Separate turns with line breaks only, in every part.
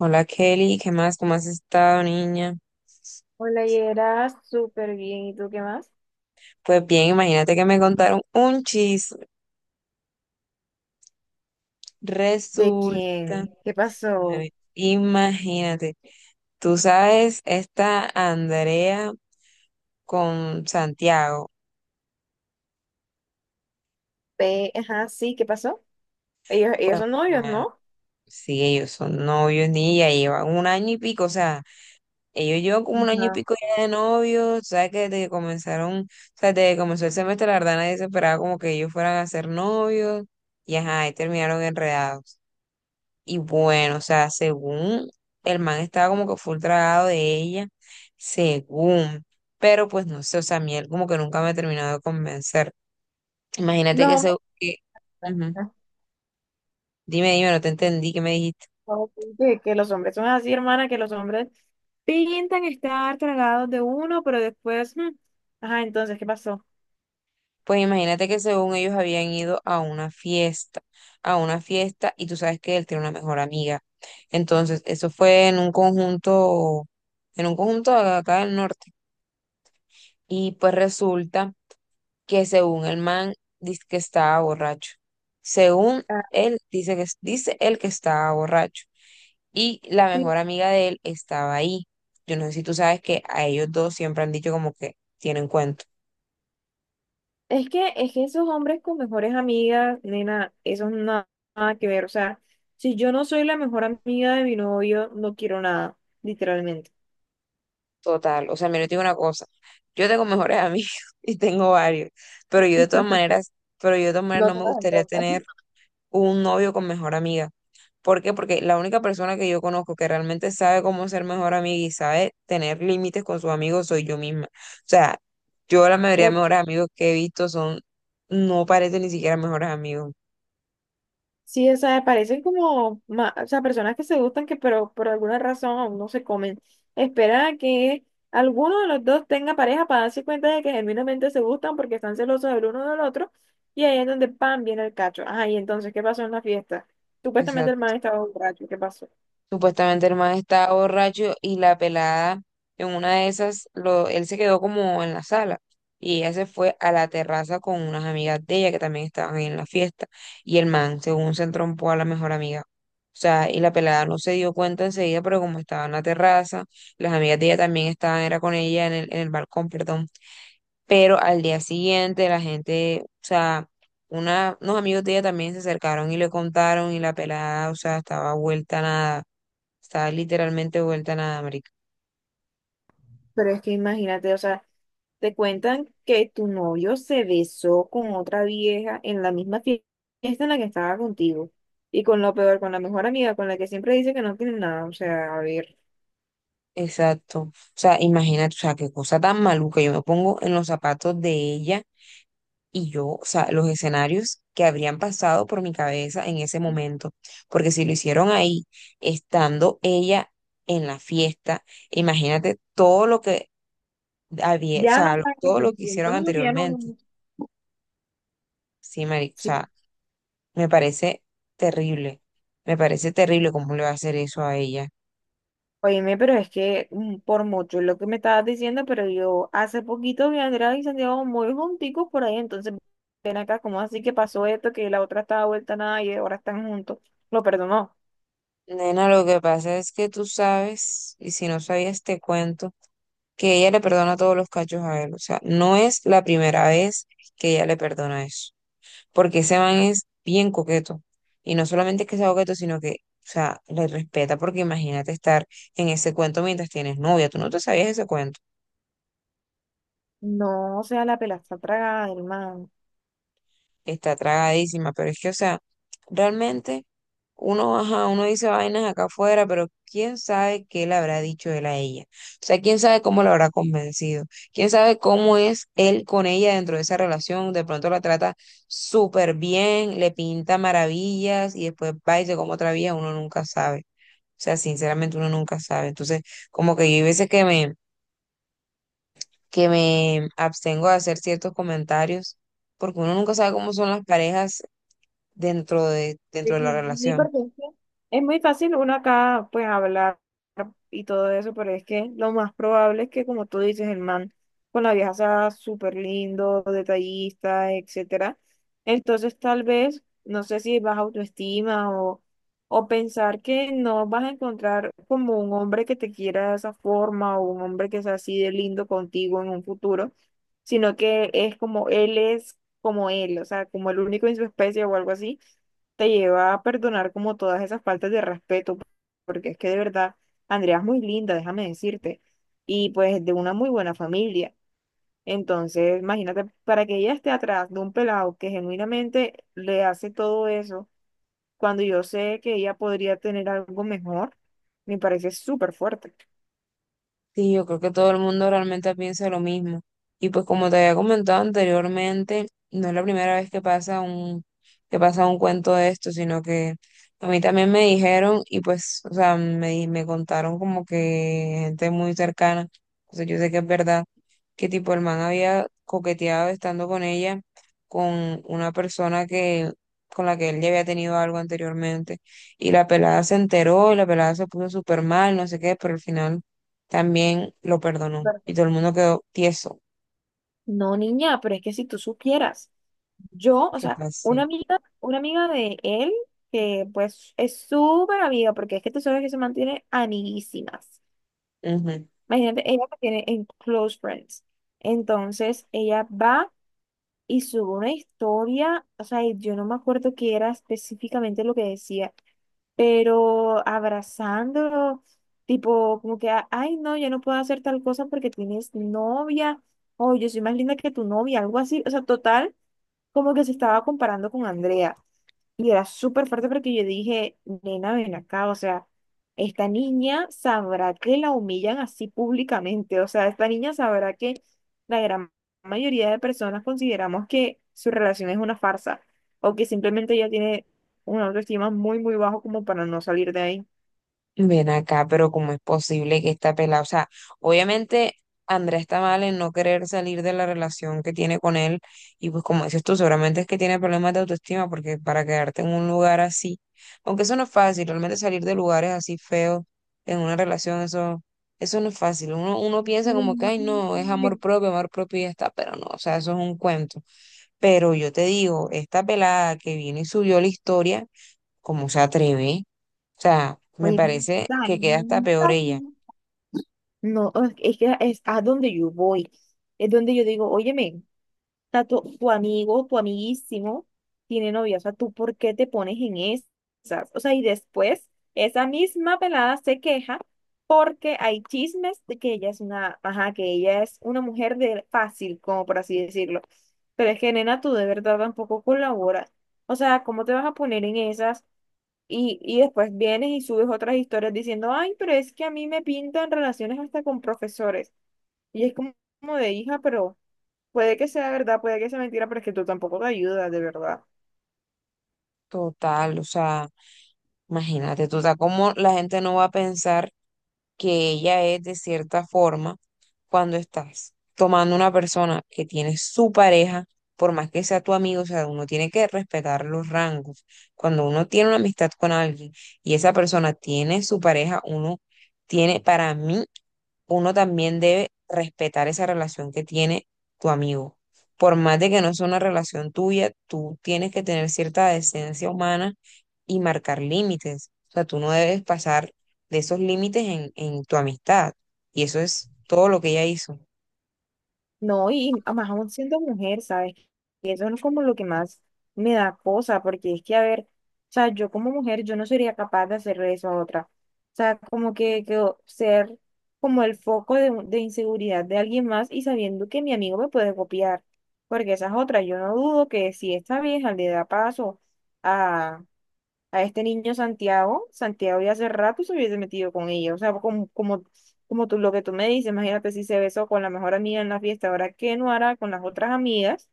Hola, Kelly, ¿qué más? ¿Cómo has estado, niña?
Hola, Yera, súper bien. ¿Y tú qué más?
Pues bien, imagínate que me contaron un chisme.
¿De
Resulta,
quién? ¿Qué
a
pasó?
ver, imagínate, tú sabes, esta Andrea con Santiago.
Ajá, sí, ¿qué pasó? Ellos
Bueno,
son novios,
bueno,
¿no?
sí, ellos son novios, niña, llevan un año y pico, o sea, ellos llevan como un año y
Ajá.
pico ya de novios, tú sabes que desde que comenzaron, o sea, desde que comenzó el semestre, la verdad, nadie se esperaba como que ellos fueran a ser novios, y ajá, ahí terminaron enredados. Y bueno, o sea, según el man estaba como que full tragado de ella, según, pero pues no sé, o sea, a mí él como que nunca me ha terminado de convencer. Imagínate
Los
que se...
hombres,
que- ujú. Dime, dime, no te entendí, ¿qué me dijiste?
¿no? Que los hombres son así, hermana, que los hombres pintan estar tragados de uno, pero después, ajá, entonces, ¿qué pasó?
Pues imagínate que según ellos habían ido a una fiesta, y tú sabes que él tiene una mejor amiga. Entonces, eso fue en un conjunto acá del norte. Y pues resulta que según el man dice que estaba borracho. Según
Ah,
él, dice que, dice él que estaba borracho. Y la
sí.
mejor amiga de él estaba ahí. Yo no sé si tú sabes que a ellos dos siempre han dicho como que tienen cuento.
Es que esos hombres con mejores amigas, nena, eso no nada, nada que ver. O sea, si yo no soy la mejor amiga de mi novio, no quiero nada, literalmente.
Total. O sea, mira, yo te digo una cosa. Yo tengo mejores amigos y tengo varios. Pero yo de todas maneras, pero yo de todas maneras
No
no
te
me
las
gustaría
entiendo.
tener un novio con mejor amiga. ¿Por qué? Porque la única persona que yo conozco que realmente sabe cómo ser mejor amiga y sabe tener límites con sus amigos soy yo misma. O sea, yo la mayoría de
O-
mejores amigos que he visto son, no parecen ni siquiera mejores amigos.
sí, o sea, parecen como, o sea, personas que se gustan que pero por alguna razón aún no se comen. Espera a que alguno de los dos tenga pareja para darse cuenta de que genuinamente se gustan porque están celosos del uno del otro y ahí es donde pan viene el cacho. Ajá, y entonces, ¿qué pasó en la fiesta? Supuestamente el
Exacto.
man estaba borracho, ¿qué pasó?
Supuestamente el man estaba borracho y la pelada en una de esas, lo, él se quedó como en la sala y ella se fue a la terraza con unas amigas de ella que también estaban ahí en la fiesta y el man, según se entrompó a la mejor amiga. O sea, y la pelada no se dio cuenta enseguida, pero como estaba en la terraza, las amigas de ella también estaban, era con ella en el balcón, perdón, pero al día siguiente la gente, o sea, una, unos amigos de ella también se acercaron y le contaron y la pelada, o sea, estaba vuelta a nada. Está literalmente vuelta a nada, marica.
Pero es que imagínate, o sea, te cuentan que tu novio se besó con otra vieja en la misma fiesta en la que estaba contigo. Y con lo peor, con la mejor amiga, con la que siempre dice que no tiene nada. O sea, a ver.
Exacto. O sea, imagínate, o sea, qué cosa tan maluca. Yo me pongo en los zapatos de ella y yo, o sea, los escenarios que habrían pasado por mi cabeza en ese momento. Porque si lo hicieron ahí, estando ella en la fiesta, imagínate todo lo que había, o
Ya no
sea, lo-
habrá
todo
mucho,
lo que hicieron
entonces ya no habrá
anteriormente.
mucho.
Sí, marica, o
Sí.
sea, me parece terrible. Me parece terrible cómo le va a hacer eso a ella.
Oíme, pero es que por mucho es lo que me estabas diciendo, pero yo hace poquito vi a Andrea y Santiago muy junticos por ahí, entonces ven acá, ¿cómo así que pasó esto? Que la otra estaba vuelta a nada y ahora están juntos. Lo perdonó.
Nena, lo que pasa es que tú sabes, y si no sabías te cuento, que ella le perdona todos los cachos a él. O sea, no es la primera vez que ella le perdona eso, porque ese man es bien coqueto. Y no solamente es que sea coqueto, sino que, o sea, le respeta, porque imagínate estar en ese cuento mientras tienes novia. Tú no te sabías ese cuento.
No, o sea, la pela está tragada, hermano.
Está tragadísima, pero es que, o sea, realmente uno, ajá, uno dice vainas acá afuera, pero quién sabe qué le habrá dicho él a ella. O sea, quién sabe cómo la habrá convencido. Quién sabe cómo es él con ella dentro de esa relación. De pronto la trata súper bien, le pinta maravillas y después va y se come otra vía, uno nunca sabe. O sea, sinceramente uno nunca sabe. Entonces, como que yo hay veces que me abstengo de hacer ciertos comentarios porque uno nunca sabe cómo son las parejas
Sí,
dentro de la
sí,
relación.
porque es que es muy fácil uno acá pues hablar y todo eso, pero es que lo más probable es que como tú dices, el man con la vieja sea súper lindo, detallista, etcétera. Entonces tal vez, no sé si baja autoestima o pensar que no vas a encontrar como un hombre que te quiera de esa forma o un hombre que sea así de lindo contigo en un futuro, sino que es como él, o sea, como el único en su especie o algo así te lleva a perdonar como todas esas faltas de respeto, porque es que de verdad, Andrea es muy linda, déjame decirte, y pues de una muy buena familia. Entonces, imagínate, para que ella esté atrás de un pelado que genuinamente le hace todo eso, cuando yo sé que ella podría tener algo mejor, me parece súper fuerte.
Sí, yo creo que todo el mundo realmente piensa lo mismo. Y pues como te había comentado anteriormente, no es la primera vez que pasa un cuento de esto, sino que a mí también me dijeron y pues, o sea, me, di- me contaron como que gente muy cercana, o sea, yo sé que es verdad, que tipo el man había coqueteado estando con ella, con una persona que, con la que él ya había tenido algo anteriormente. Y la pelada se enteró y la pelada se puso súper mal, no sé qué, pero al final también lo perdonó y todo el
Perfecto.
mundo quedó tieso.
No, niña, pero es que si tú supieras. Yo, o
¿Qué
sea, una
pasó?
amiga, una amiga de él, que pues es súper amiga, porque es que tú sabes que se mantiene amiguísimas.
Ujú.
Imagínate, ella que tiene en Close Friends. Entonces, ella va y sube una historia, o sea, y yo no me acuerdo qué era específicamente lo que decía, pero abrazándolo, tipo, como que, ay, no, yo no puedo hacer tal cosa porque tienes novia, o yo soy más linda que tu novia, algo así, o sea, total, como que se estaba comparando con Andrea. Y era súper fuerte porque yo dije, nena, ven acá, o sea, esta niña sabrá que la humillan así públicamente, o sea, esta niña sabrá que la gran mayoría de personas consideramos que su relación es una farsa o que simplemente ella tiene una autoestima muy, muy bajo como para no salir de ahí.
Ven acá, pero ¿cómo es posible que esta pelada? O sea, obviamente Andrea está mal en no querer salir de la relación que tiene con él y pues como dices tú, seguramente es que tiene problemas de autoestima porque para quedarte en un lugar así, aunque eso no es fácil, realmente salir de lugares así feos en una relación, eso no es fácil. Uno, uno piensa como que, ay, no, es amor propio y ya está, pero no, o sea, eso es un cuento. Pero yo te digo, esta pelada que vino y subió la historia, ¿cómo se atreve? O sea, me
Oye,
parece
dale,
que queda hasta peor ella.
no, es que es a donde yo voy, es donde yo digo, óyeme. Sea, tu amigo, tu amiguísimo tiene novia, o sea, ¿tú por qué te pones en esas? O sea, y después esa misma pelada se queja porque hay chismes de que ella es una, ajá, que ella es una mujer de fácil, como por así decirlo. Pero es que, nena, tú de verdad tampoco colaboras. O sea, ¿cómo te vas a poner en esas? Y después vienes y subes otras historias diciendo, ay, pero es que a mí me pintan relaciones hasta con profesores. Y es como, como de hija, pero... Puede que sea verdad, puede que sea mentira, pero es que tú tampoco te ayudas, de verdad.
Total, o sea, imagínate tú, o sea, cómo la gente no va a pensar que ella es de cierta forma cuando estás tomando una persona que tiene su pareja, por más que sea tu amigo, o sea, uno tiene que respetar los rangos. Cuando uno tiene una amistad con alguien y esa persona tiene su pareja, uno tiene, para mí, uno también debe respetar esa relación que tiene tu amigo. Por más de que no sea una relación tuya, tú tienes que tener cierta decencia humana y marcar límites. O sea, tú no debes pasar de esos límites en tu amistad. Y eso es todo lo que ella hizo.
No, y además aún siendo mujer, ¿sabes? Y eso no es como lo que más me da cosa, porque es que, a ver, o sea, yo como mujer, yo no sería capaz de hacerle eso a otra. O sea, como que, ser como el foco de, de inseguridad de alguien más y sabiendo que mi amigo me puede copiar, porque esa es otra. Yo no dudo que si esta vieja le da paso a este niño Santiago, Santiago ya hace rato se hubiese metido con ella, o sea, como, como, como tú, lo que tú me dices, imagínate si se besó con la mejor amiga en la fiesta, ahora qué no hará con las otras amigas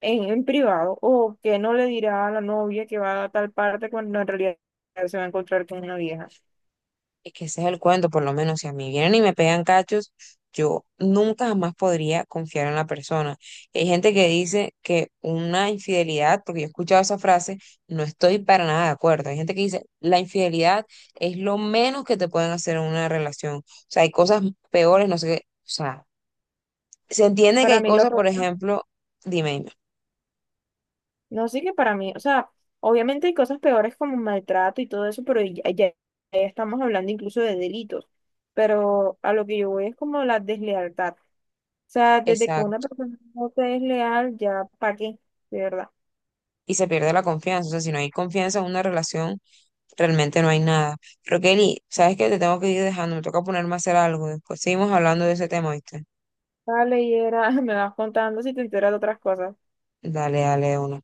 en privado, o qué no le dirá a la novia que va a tal parte cuando en realidad se va a encontrar con una vieja.
Es que ese es el cuento, por lo menos si a mí vienen y me pegan cachos, yo nunca jamás podría confiar en la persona. Hay gente que dice que una infidelidad, porque yo he escuchado esa frase, no estoy para nada de acuerdo. Hay gente que dice, la infidelidad es lo menos que te pueden hacer en una relación. O sea, hay cosas peores, no sé qué. O sea, se entiende que
Para
hay
mí lo
cosas,
peor,
por ejemplo, dime, dime.
no sí que para mí, o sea, obviamente hay cosas peores como maltrato y todo eso, pero ya, ya ya estamos hablando incluso de delitos, pero a lo que yo voy es como la deslealtad. Sea, desde que una
Exacto.
persona no te es leal, ya, ¿para qué? De verdad.
Y se pierde la confianza. O sea, si no hay confianza en una relación, realmente no hay nada. Pero Kelly, ¿sabes qué? Te tengo que ir dejando, me toca ponerme a hacer algo. Después seguimos hablando de ese tema, ¿viste?
Dale, y era, me vas contando si te enteras de otras cosas.
Dale, dale, de una.